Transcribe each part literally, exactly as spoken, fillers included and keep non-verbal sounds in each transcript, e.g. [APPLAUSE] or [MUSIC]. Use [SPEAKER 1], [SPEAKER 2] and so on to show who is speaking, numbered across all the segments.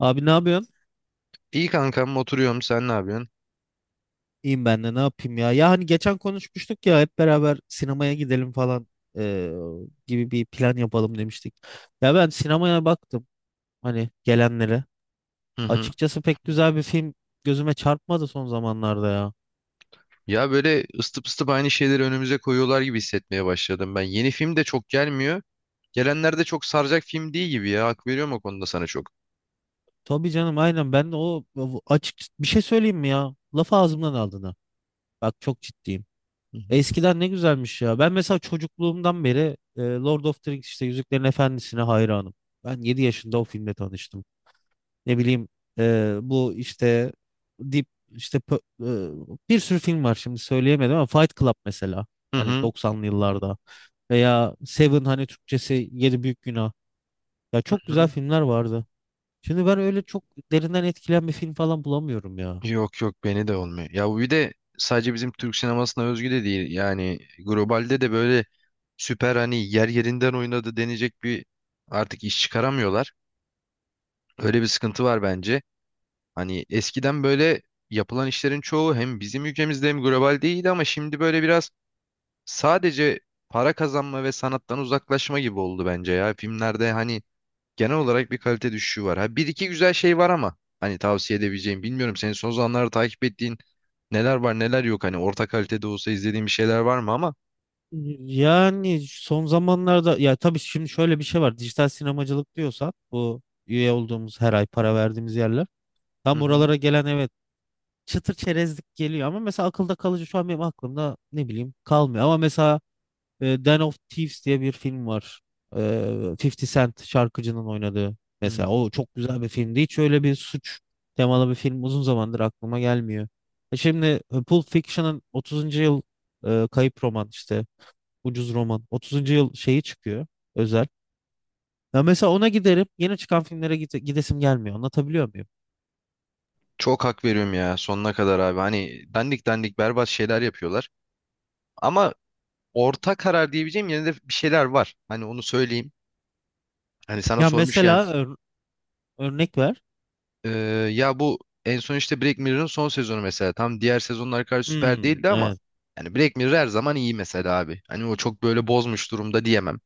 [SPEAKER 1] Abi ne yapıyorsun?
[SPEAKER 2] İyi kankam oturuyorum sen ne yapıyorsun?
[SPEAKER 1] İyiyim ben de ne yapayım ya. Ya hani geçen konuşmuştuk ya, hep beraber sinemaya gidelim falan, eee, gibi bir plan yapalım demiştik. Ya ben sinemaya baktım hani gelenlere.
[SPEAKER 2] Hı hı.
[SPEAKER 1] Açıkçası pek güzel bir film gözüme çarpmadı son zamanlarda ya.
[SPEAKER 2] Ya böyle ısıtıp ısıtıp aynı şeyleri önümüze koyuyorlar gibi hissetmeye başladım ben. Yeni film de çok gelmiyor. Gelenler de çok saracak film değil gibi ya. Hak veriyorum o konuda sana çok.
[SPEAKER 1] Tabii canım, aynen ben de o o açık bir şey söyleyeyim mi ya? Lafı ağzımdan aldın ha. Bak çok ciddiyim.
[SPEAKER 2] Hı hı.
[SPEAKER 1] Eskiden ne güzelmiş ya. Ben mesela çocukluğumdan beri eee, Lord of the Rings, işte Yüzüklerin Efendisi'ne hayranım. Ben yedi yaşında o filmle tanıştım. Ne bileyim, e, bu işte Deep, işte pö- e, bir sürü film var, şimdi söyleyemedim ama Fight Club mesela,
[SPEAKER 2] Hı
[SPEAKER 1] hani
[SPEAKER 2] hı.
[SPEAKER 1] doksanlı yıllarda, veya Seven, hani Türkçesi Yedi Büyük Günah. Ya çok güzel
[SPEAKER 2] Hı.
[SPEAKER 1] filmler vardı. Şimdi ben öyle çok derinden etkilen bir film falan bulamıyorum ya.
[SPEAKER 2] Yok yok beni de olmuyor. Ya bu bir de sadece bizim Türk sinemasına özgü de değil. Yani globalde de böyle süper hani yer yerinden oynadı denecek bir artık iş çıkaramıyorlar. Öyle bir sıkıntı var bence. Hani eskiden böyle yapılan işlerin çoğu hem bizim ülkemizde hem global değildi ama şimdi böyle biraz sadece para kazanma ve sanattan uzaklaşma gibi oldu bence ya. Filmlerde hani genel olarak bir kalite düşüşü var. Ha, bir iki güzel şey var ama hani tavsiye edebileceğim bilmiyorum. Senin son zamanlarda takip ettiğin neler var neler yok hani orta kalitede olsa izlediğin bir şeyler var mı ama
[SPEAKER 1] Yani son zamanlarda, ya tabii şimdi şöyle bir şey var. Dijital sinemacılık diyorsak, bu üye olduğumuz, her ay para verdiğimiz yerler.
[SPEAKER 2] Hı
[SPEAKER 1] Tam
[SPEAKER 2] hı,
[SPEAKER 1] oralara gelen, evet, çıtır çerezlik geliyor ama mesela akılda kalıcı, şu an benim aklımda ne bileyim kalmıyor. Ama mesela e, Den of Thieves diye bir film var. E, 50 Cent şarkıcının oynadığı.
[SPEAKER 2] hı
[SPEAKER 1] Mesela
[SPEAKER 2] hı.
[SPEAKER 1] o çok güzel bir filmdi. Hiç öyle bir suç temalı bir film uzun zamandır aklıma gelmiyor. E şimdi, e, Pulp Fiction'ın otuzuncu yıl, e, kayıp roman, işte ucuz roman otuzuncu yıl şeyi çıkıyor özel. Ya mesela ona giderim, yeni çıkan filmlere gide- gidesim gelmiyor, anlatabiliyor muyum?
[SPEAKER 2] çok hak veriyorum ya sonuna kadar abi hani dandik dandik berbat şeyler yapıyorlar ama orta karar diyebileceğim yine de bir şeyler var hani onu söyleyeyim. Hani sana
[SPEAKER 1] Ya mesela
[SPEAKER 2] sormuşken
[SPEAKER 1] ör- örnek ver.
[SPEAKER 2] e, ya bu en son işte Black Mirror'ın son sezonu mesela. Tam diğer sezonlar kadar süper
[SPEAKER 1] Hmm,
[SPEAKER 2] değildi ama
[SPEAKER 1] e,
[SPEAKER 2] yani Black Mirror her zaman iyi mesela abi. Hani o çok böyle bozmuş durumda diyemem.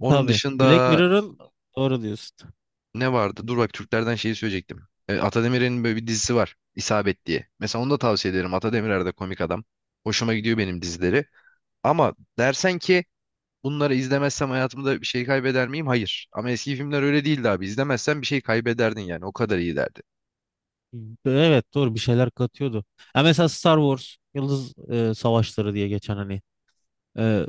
[SPEAKER 2] Onun
[SPEAKER 1] Tabii. Black
[SPEAKER 2] dışında
[SPEAKER 1] Mirror'ın, doğru diyorsun.
[SPEAKER 2] ne vardı? Dur bak Türklerden şeyi söyleyecektim. E, Atademir'in böyle bir dizisi var. İsabet diye. Mesela onu da tavsiye ederim. Atademirer de komik adam. Hoşuma gidiyor benim dizileri. Ama dersen ki bunları izlemezsem hayatımda bir şey kaybeder miyim? Hayır. Ama eski filmler öyle değildi abi. İzlemezsen bir şey kaybederdin yani. O kadar iyi derdi.
[SPEAKER 1] Evet, doğru bir şeyler katıyordu. Ya mesela Star Wars, Yıldız e, Savaşları diye geçen, hani e,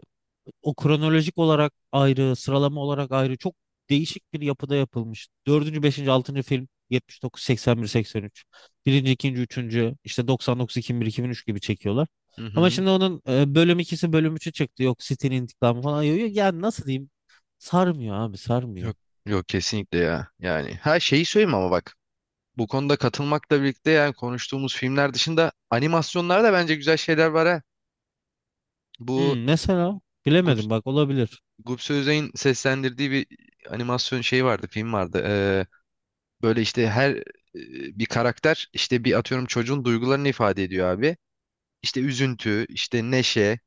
[SPEAKER 1] o, kronolojik olarak ayrı, sıralama olarak ayrı, çok değişik bir yapıda yapılmış. Dördüncü, beşinci, altıncı film yetmiş dokuz, seksen bir, seksen üç. Birinci, ikinci, üçüncü işte doksan dokuz, iki bin bir, iki bin üç gibi çekiyorlar.
[SPEAKER 2] Hı
[SPEAKER 1] Ama
[SPEAKER 2] hı.
[SPEAKER 1] şimdi onun e, bölüm ikisi, bölüm üçü çıktı. Yok City'nin intikamı falan. Yok, yok. Yani nasıl diyeyim? Sarmıyor abi, sarmıyor.
[SPEAKER 2] Yok yok kesinlikle ya. Yani her şeyi söyleyeyim ama bak bu konuda katılmakla birlikte yani konuştuğumuz filmler dışında animasyonlarda bence güzel şeyler var ha. Bu
[SPEAKER 1] Hmm, mesela
[SPEAKER 2] Gup,
[SPEAKER 1] bilemedim, bak olabilir.
[SPEAKER 2] Gupse Özay'ın seslendirdiği bir animasyon şey vardı, film vardı. Ee, böyle işte her e, bir karakter işte bir atıyorum çocuğun duygularını ifade ediyor abi. İşte üzüntü, işte neşe,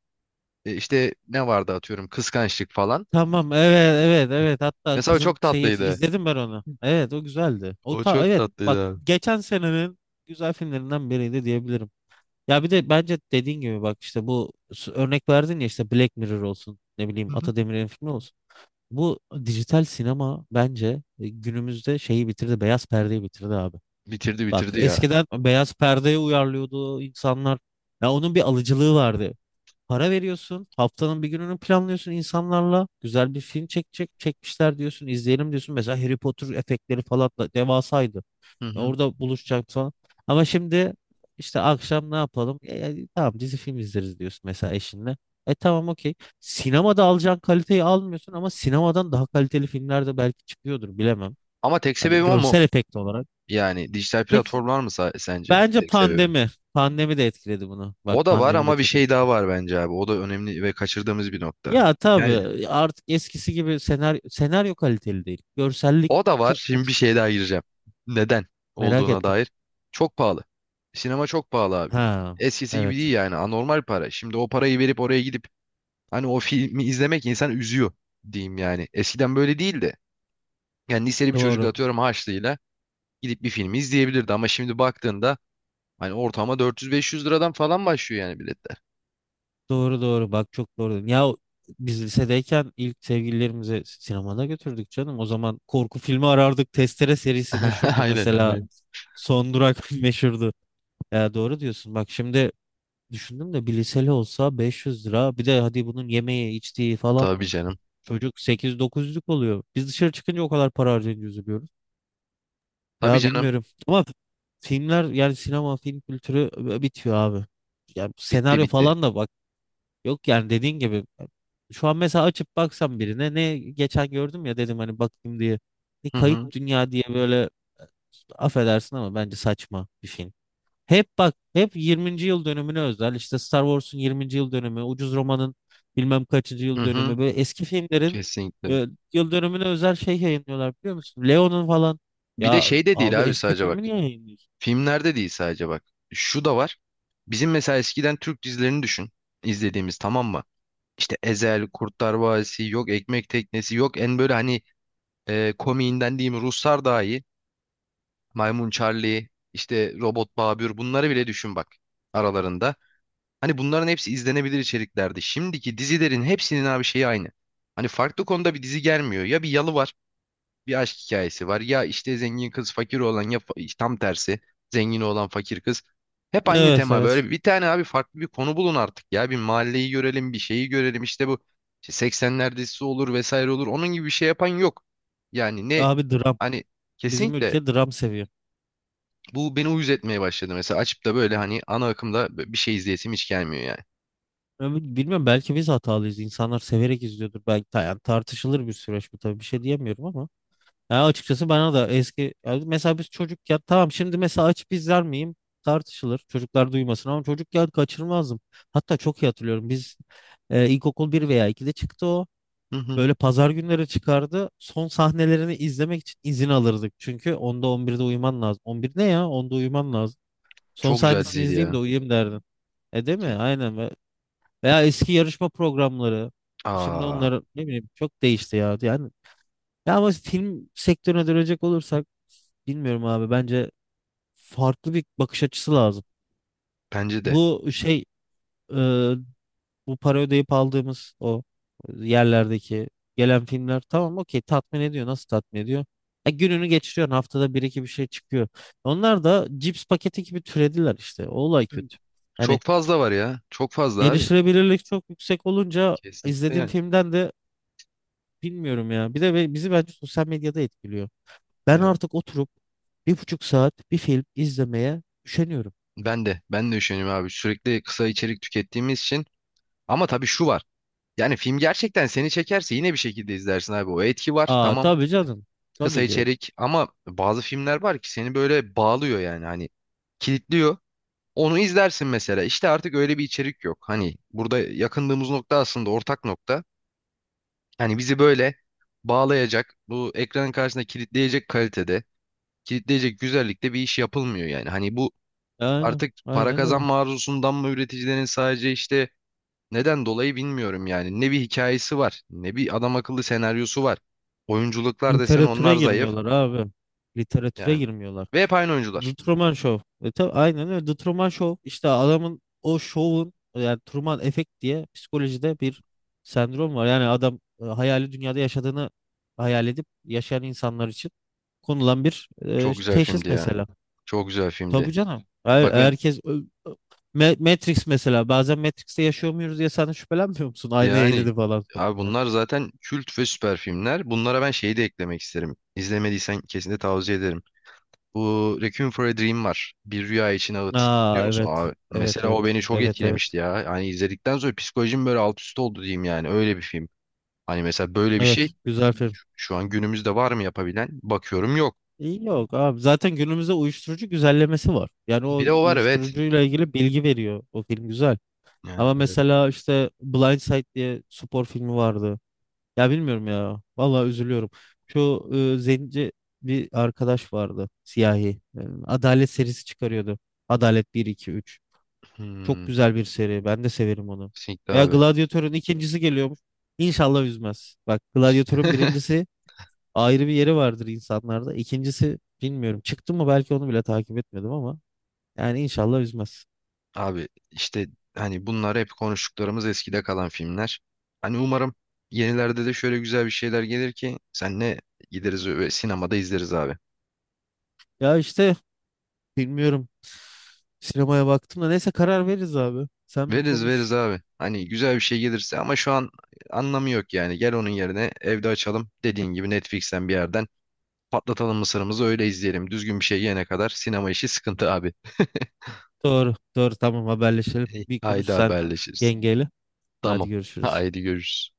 [SPEAKER 2] e, işte ne vardı atıyorum kıskançlık falan.
[SPEAKER 1] Tamam, evet, evet, evet, hatta
[SPEAKER 2] Mesela o
[SPEAKER 1] kızın
[SPEAKER 2] çok
[SPEAKER 1] şeyi
[SPEAKER 2] tatlıydı.
[SPEAKER 1] izledim ben onu. Evet o güzeldi. O
[SPEAKER 2] O
[SPEAKER 1] ta
[SPEAKER 2] çok
[SPEAKER 1] evet, bak
[SPEAKER 2] tatlıydı abi.
[SPEAKER 1] geçen senenin güzel filmlerinden biriydi diyebilirim. Ya bir de bence dediğin gibi, bak işte bu s- örnek verdin ya, işte Black Mirror olsun, ne bileyim
[SPEAKER 2] Hı hı.
[SPEAKER 1] Ata Demirer'in filmi olsun. Bu dijital sinema bence e, günümüzde şeyi bitirdi, beyaz perdeyi bitirdi abi.
[SPEAKER 2] Bitirdi
[SPEAKER 1] Bak
[SPEAKER 2] bitirdi ya.
[SPEAKER 1] eskiden beyaz perdeye uyarlıyordu insanlar. Ya onun bir alıcılığı vardı. Para veriyorsun, haftanın bir gününü planlıyorsun insanlarla. Güzel bir film çekecek, çekmişler diyorsun, izleyelim diyorsun. Mesela Harry Potter efektleri falan da devasaydı.
[SPEAKER 2] Hı
[SPEAKER 1] Ya
[SPEAKER 2] hı.
[SPEAKER 1] orada buluşacak falan. Ama şimdi işte akşam ne yapalım? E, e, tamam, dizi film izleriz diyorsun mesela eşinle. E tamam, okey. Sinemada alacağın kaliteyi almıyorsun ama sinemadan daha kaliteli filmler de belki çıkıyordur, bilemem.
[SPEAKER 2] Ama tek
[SPEAKER 1] Hani
[SPEAKER 2] sebebi o mu?
[SPEAKER 1] görsel efekt olarak.
[SPEAKER 2] Yani dijital
[SPEAKER 1] Tek
[SPEAKER 2] platformlar mı sa- sence
[SPEAKER 1] bence
[SPEAKER 2] tek sebebi?
[SPEAKER 1] pandemi. Pandemi de etkiledi bunu.
[SPEAKER 2] O
[SPEAKER 1] Bak
[SPEAKER 2] da var
[SPEAKER 1] pandemi de
[SPEAKER 2] ama bir
[SPEAKER 1] çok
[SPEAKER 2] şey daha
[SPEAKER 1] etkiledi.
[SPEAKER 2] var bence abi. O da önemli ve kaçırdığımız bir nokta.
[SPEAKER 1] Ya
[SPEAKER 2] Yani
[SPEAKER 1] tabii artık eskisi gibi senaryo, senaryo kaliteli değil. Görsellik
[SPEAKER 2] o da var.
[SPEAKER 1] çok
[SPEAKER 2] Şimdi bir
[SPEAKER 1] uçuk.
[SPEAKER 2] şey daha gireceğim. Neden
[SPEAKER 1] Merak
[SPEAKER 2] olduğuna
[SPEAKER 1] ettim.
[SPEAKER 2] dair. Çok pahalı. Sinema çok pahalı abi.
[SPEAKER 1] Ha,
[SPEAKER 2] Eskisi gibi
[SPEAKER 1] evet.
[SPEAKER 2] değil yani. Anormal para. Şimdi o parayı verip oraya gidip hani o [LAUGHS] filmi izlemek insan üzüyor diyeyim yani. Eskiden böyle değildi. Yani liseli bir çocuk
[SPEAKER 1] Doğru.
[SPEAKER 2] atıyorum harçlığıyla gidip bir filmi izleyebilirdi ama şimdi baktığında hani ortama dört yüz beş yüz liradan falan başlıyor yani biletler.
[SPEAKER 1] Doğru, doğru. Bak çok doğru dedin. Ya biz lisedeyken ilk sevgililerimizi si-, sinemada götürdük canım. O zaman korku filmi arardık. Testere serisi
[SPEAKER 2] [LAUGHS]
[SPEAKER 1] meşhurdu
[SPEAKER 2] Aynen,
[SPEAKER 1] mesela.
[SPEAKER 2] aynen.
[SPEAKER 1] Son Durak [LAUGHS] meşhurdu. Ya doğru diyorsun. Bak şimdi düşündüm de, bir liseli olsa beş yüz lira. Bir de hadi bunun yemeği, içtiği falan.
[SPEAKER 2] Tabii canım.
[SPEAKER 1] Çocuk sekiz dokuzluk oluyor. Biz dışarı çıkınca o kadar para harcayınca üzülüyoruz.
[SPEAKER 2] Tabii
[SPEAKER 1] Ya
[SPEAKER 2] canım.
[SPEAKER 1] bilmiyorum ama filmler, yani sinema film kültürü e, bitiyor abi. Yani
[SPEAKER 2] Bitti
[SPEAKER 1] senaryo
[SPEAKER 2] bitti.
[SPEAKER 1] falan da bak yok, yani dediğin gibi, şu an mesela açıp baksam birine, ne geçen gördüm ya dedim hani bakayım diye. Ne
[SPEAKER 2] Hı
[SPEAKER 1] Kayıp
[SPEAKER 2] hı.
[SPEAKER 1] Dünya diye böyle, e, affedersin ama bence saçma bir film. Hep bak, hep yirminci yıl dönümüne özel, işte Star Wars'un yirminci yıl dönümü, Ucuz Roman'ın bilmem kaçıncı
[SPEAKER 2] Hı
[SPEAKER 1] yıl
[SPEAKER 2] hı.
[SPEAKER 1] dönümü, böyle eski filmlerin
[SPEAKER 2] Kesinlikle.
[SPEAKER 1] e, yıl dönümüne özel şey yayınlıyorlar, biliyor musun? Leon'un falan.
[SPEAKER 2] Bir de
[SPEAKER 1] Ya
[SPEAKER 2] şey de
[SPEAKER 1] abi,
[SPEAKER 2] değil abi
[SPEAKER 1] eski
[SPEAKER 2] sadece bak.
[SPEAKER 1] filmi niye yayınlıyorsun?
[SPEAKER 2] Filmlerde değil sadece bak. Şu da var. Bizim mesela eskiden Türk dizilerini düşün. İzlediğimiz tamam mı? İşte Ezel, Kurtlar Vadisi, yok Ekmek Teknesi, yok en böyle hani e, komiğinden diyeyim Ruslar daha iyi. Maymun Charlie, işte Robot Babür bunları bile düşün bak aralarında. Hani bunların hepsi izlenebilir içeriklerdi. Şimdiki dizilerin hepsinin abi şeyi aynı. Hani farklı konuda bir dizi gelmiyor. Ya bir yalı var, bir aşk hikayesi var. Ya işte zengin kız fakir olan ya fa- tam tersi zengin olan fakir kız. Hep aynı
[SPEAKER 1] Evet,
[SPEAKER 2] tema.
[SPEAKER 1] evet.
[SPEAKER 2] Böyle bir tane abi farklı bir konu bulun artık ya. Bir mahalleyi görelim, bir şeyi görelim. İşte bu işte seksenler dizisi olur vesaire olur. Onun gibi bir şey yapan yok. Yani ne
[SPEAKER 1] Abi dram.
[SPEAKER 2] hani
[SPEAKER 1] Bizim
[SPEAKER 2] kesinlikle
[SPEAKER 1] ülke dram seviyor.
[SPEAKER 2] bu beni uyuz etmeye başladı. Mesela açıp da böyle hani ana akımda bir şey izleyesim hiç gelmiyor yani.
[SPEAKER 1] Ben bilmiyorum, belki biz hatalıyız. İnsanlar severek izliyordur belki. ta- Yani tartışılır bir süreç bu, tabii bir şey diyemiyorum ama. Ya açıkçası bana da eski, ya mesela biz çocukken tamam, şimdi mesela açıp izler miyim tartışılır, çocuklar duymasın, ama çocukken kaçırmazdım. Hatta çok iyi hatırlıyorum, biz e, ilkokul bir veya ikide çıktı o,
[SPEAKER 2] Hı hı.
[SPEAKER 1] böyle pazar günleri çıkardı, son sahnelerini izlemek için izin alırdık çünkü onda on birde uyuman lazım, on bir ne ya, onda uyuman lazım, son
[SPEAKER 2] Çok güzel
[SPEAKER 1] sahnesini
[SPEAKER 2] diziydi
[SPEAKER 1] izleyeyim de
[SPEAKER 2] ya.
[SPEAKER 1] uyuyayım derdin, e değil mi,
[SPEAKER 2] Ke-
[SPEAKER 1] aynen. Ve- veya eski yarışma programları, şimdi
[SPEAKER 2] Aa,
[SPEAKER 1] onlar ne bileyim çok değişti ya yani. Ya ama film sektörüne dönecek olursak, bilmiyorum abi, bence farklı bir bakış açısı lazım.
[SPEAKER 2] bence de.
[SPEAKER 1] Bu şey, e, bu para ödeyip aldığımız o yerlerdeki gelen filmler, tamam, okey, tatmin ediyor. Nasıl tatmin ediyor? E, gününü geçiriyorsun, haftada bir iki bir şey çıkıyor. Onlar da cips paketi gibi türediler işte. O olay kötü. Hani
[SPEAKER 2] Çok fazla var ya. Çok fazla abi.
[SPEAKER 1] erişilebilirlik çok yüksek olunca,
[SPEAKER 2] Kesinlikle
[SPEAKER 1] izlediğim
[SPEAKER 2] yani.
[SPEAKER 1] filmden de bilmiyorum ya. Bir de be- bizi bence sosyal medyada etkiliyor. Ben
[SPEAKER 2] Yani
[SPEAKER 1] artık oturup bir buçuk saat bir film izlemeye üşeniyorum.
[SPEAKER 2] ben de ben de düşünüyorum abi. Sürekli kısa içerik tükettiğimiz için. Ama tabii şu var. Yani film gerçekten seni çekerse yine bir şekilde izlersin abi. O etki var.
[SPEAKER 1] Aa
[SPEAKER 2] Tamam.
[SPEAKER 1] tabii canım.
[SPEAKER 2] Kısa
[SPEAKER 1] Tabii ki.
[SPEAKER 2] içerik ama bazı filmler var ki seni böyle bağlıyor yani hani kilitliyor. Onu izlersin mesela. İşte artık öyle bir içerik yok. Hani burada yakındığımız nokta aslında ortak nokta. Yani bizi böyle bağlayacak, bu ekranın karşısında kilitleyecek kalitede, kilitleyecek güzellikte bir iş yapılmıyor yani. Hani bu
[SPEAKER 1] Yani
[SPEAKER 2] artık para
[SPEAKER 1] aynen öyle.
[SPEAKER 2] kazanma arzusundan mı üreticilerin sadece işte neden dolayı bilmiyorum yani. Ne bir hikayesi var, ne bir adam akıllı senaryosu var. Oyunculuklar desen
[SPEAKER 1] Literatüre
[SPEAKER 2] onlar zayıf
[SPEAKER 1] girmiyorlar abi. Literatüre
[SPEAKER 2] yani.
[SPEAKER 1] girmiyorlar.
[SPEAKER 2] Ve hep aynı oyuncular.
[SPEAKER 1] The Truman Show. E, tabii, aynen öyle. The Truman Show. İşte adamın o şovun, yani Truman Efekt diye psikolojide bir sendrom var. Yani adam e, hayali dünyada yaşadığını hayal edip yaşayan insanlar için konulan bir e,
[SPEAKER 2] Çok güzel
[SPEAKER 1] teşhis
[SPEAKER 2] filmdi ya.
[SPEAKER 1] mesela.
[SPEAKER 2] Çok güzel
[SPEAKER 1] Tabii
[SPEAKER 2] filmdi.
[SPEAKER 1] canım. Her,
[SPEAKER 2] Bak ben
[SPEAKER 1] herkes Ö- ö- Ma- Matrix mesela, bazen Matrix'te yaşıyor muyuz diye sen de şüphelenmiyor musun? Aynayı
[SPEAKER 2] yani
[SPEAKER 1] eledi falan sonra
[SPEAKER 2] abi
[SPEAKER 1] yani.
[SPEAKER 2] bunlar zaten kült ve süper filmler. Bunlara ben şeyi de eklemek isterim. İzlemediysen kesinlikle tavsiye ederim. Bu Requiem for a Dream var. Bir Rüya için Ağıt. Biliyor
[SPEAKER 1] Aa,
[SPEAKER 2] musun
[SPEAKER 1] evet.
[SPEAKER 2] abi?
[SPEAKER 1] Evet,
[SPEAKER 2] Mesela o
[SPEAKER 1] evet.
[SPEAKER 2] beni çok
[SPEAKER 1] Evet, evet.
[SPEAKER 2] etkilemişti ya. Yani izledikten sonra psikolojim böyle alt üst oldu diyeyim yani. Öyle bir film. Hani mesela böyle bir şey
[SPEAKER 1] Evet, güzel film.
[SPEAKER 2] şu an günümüzde var mı yapabilen? Bakıyorum yok.
[SPEAKER 1] İyi yok abi, zaten günümüzde uyuşturucu güzellemesi var. Yani
[SPEAKER 2] Bir
[SPEAKER 1] o
[SPEAKER 2] de o var evet.
[SPEAKER 1] uyuşturucuyla ilgili bilgi veriyor. O film güzel.
[SPEAKER 2] Yani
[SPEAKER 1] Ama
[SPEAKER 2] evet.
[SPEAKER 1] mesela işte Blind Side diye spor filmi vardı. Ya bilmiyorum ya. Vallahi üzülüyorum. Şu, e, zenci bir arkadaş vardı. Siyahi. E, Adalet serisi çıkarıyordu. Adalet bir, iki, üç. Çok
[SPEAKER 2] Hmm,
[SPEAKER 1] güzel bir seri. Ben de severim onu.
[SPEAKER 2] kesinlikle
[SPEAKER 1] Veya
[SPEAKER 2] abi.
[SPEAKER 1] Gladiator'un ikincisi geliyormuş. İnşallah üzmez. Bak Gladiator'un
[SPEAKER 2] [LAUGHS]
[SPEAKER 1] birincisi ayrı bir yeri vardır insanlarda. İkincisi bilmiyorum. Çıktı mı, belki onu bile takip etmedim ama. Yani inşallah üzmez.
[SPEAKER 2] Abi işte hani bunlar hep konuştuklarımız eskide kalan filmler. Hani umarım yenilerde de şöyle güzel bir şeyler gelir ki senle gideriz ve sinemada izleriz abi.
[SPEAKER 1] Ya işte bilmiyorum. Sinemaya baktım da neyse karar veririz abi. Sen bir
[SPEAKER 2] Veririz
[SPEAKER 1] konuş.
[SPEAKER 2] veririz abi. Hani güzel bir şey gelirse ama şu an anlamı yok yani. Gel onun yerine evde açalım. Dediğin gibi Netflix'ten bir yerden patlatalım mısırımızı öyle izleyelim. Düzgün bir şey yene kadar sinema işi sıkıntı abi.
[SPEAKER 1] Doğru, doğru. Tamam haberleşelim.
[SPEAKER 2] [LAUGHS]
[SPEAKER 1] Bir konuş
[SPEAKER 2] Haydi
[SPEAKER 1] sen
[SPEAKER 2] haberleşiriz.
[SPEAKER 1] yengeyle. Hadi
[SPEAKER 2] Tamam.
[SPEAKER 1] görüşürüz.
[SPEAKER 2] Haydi görüşürüz.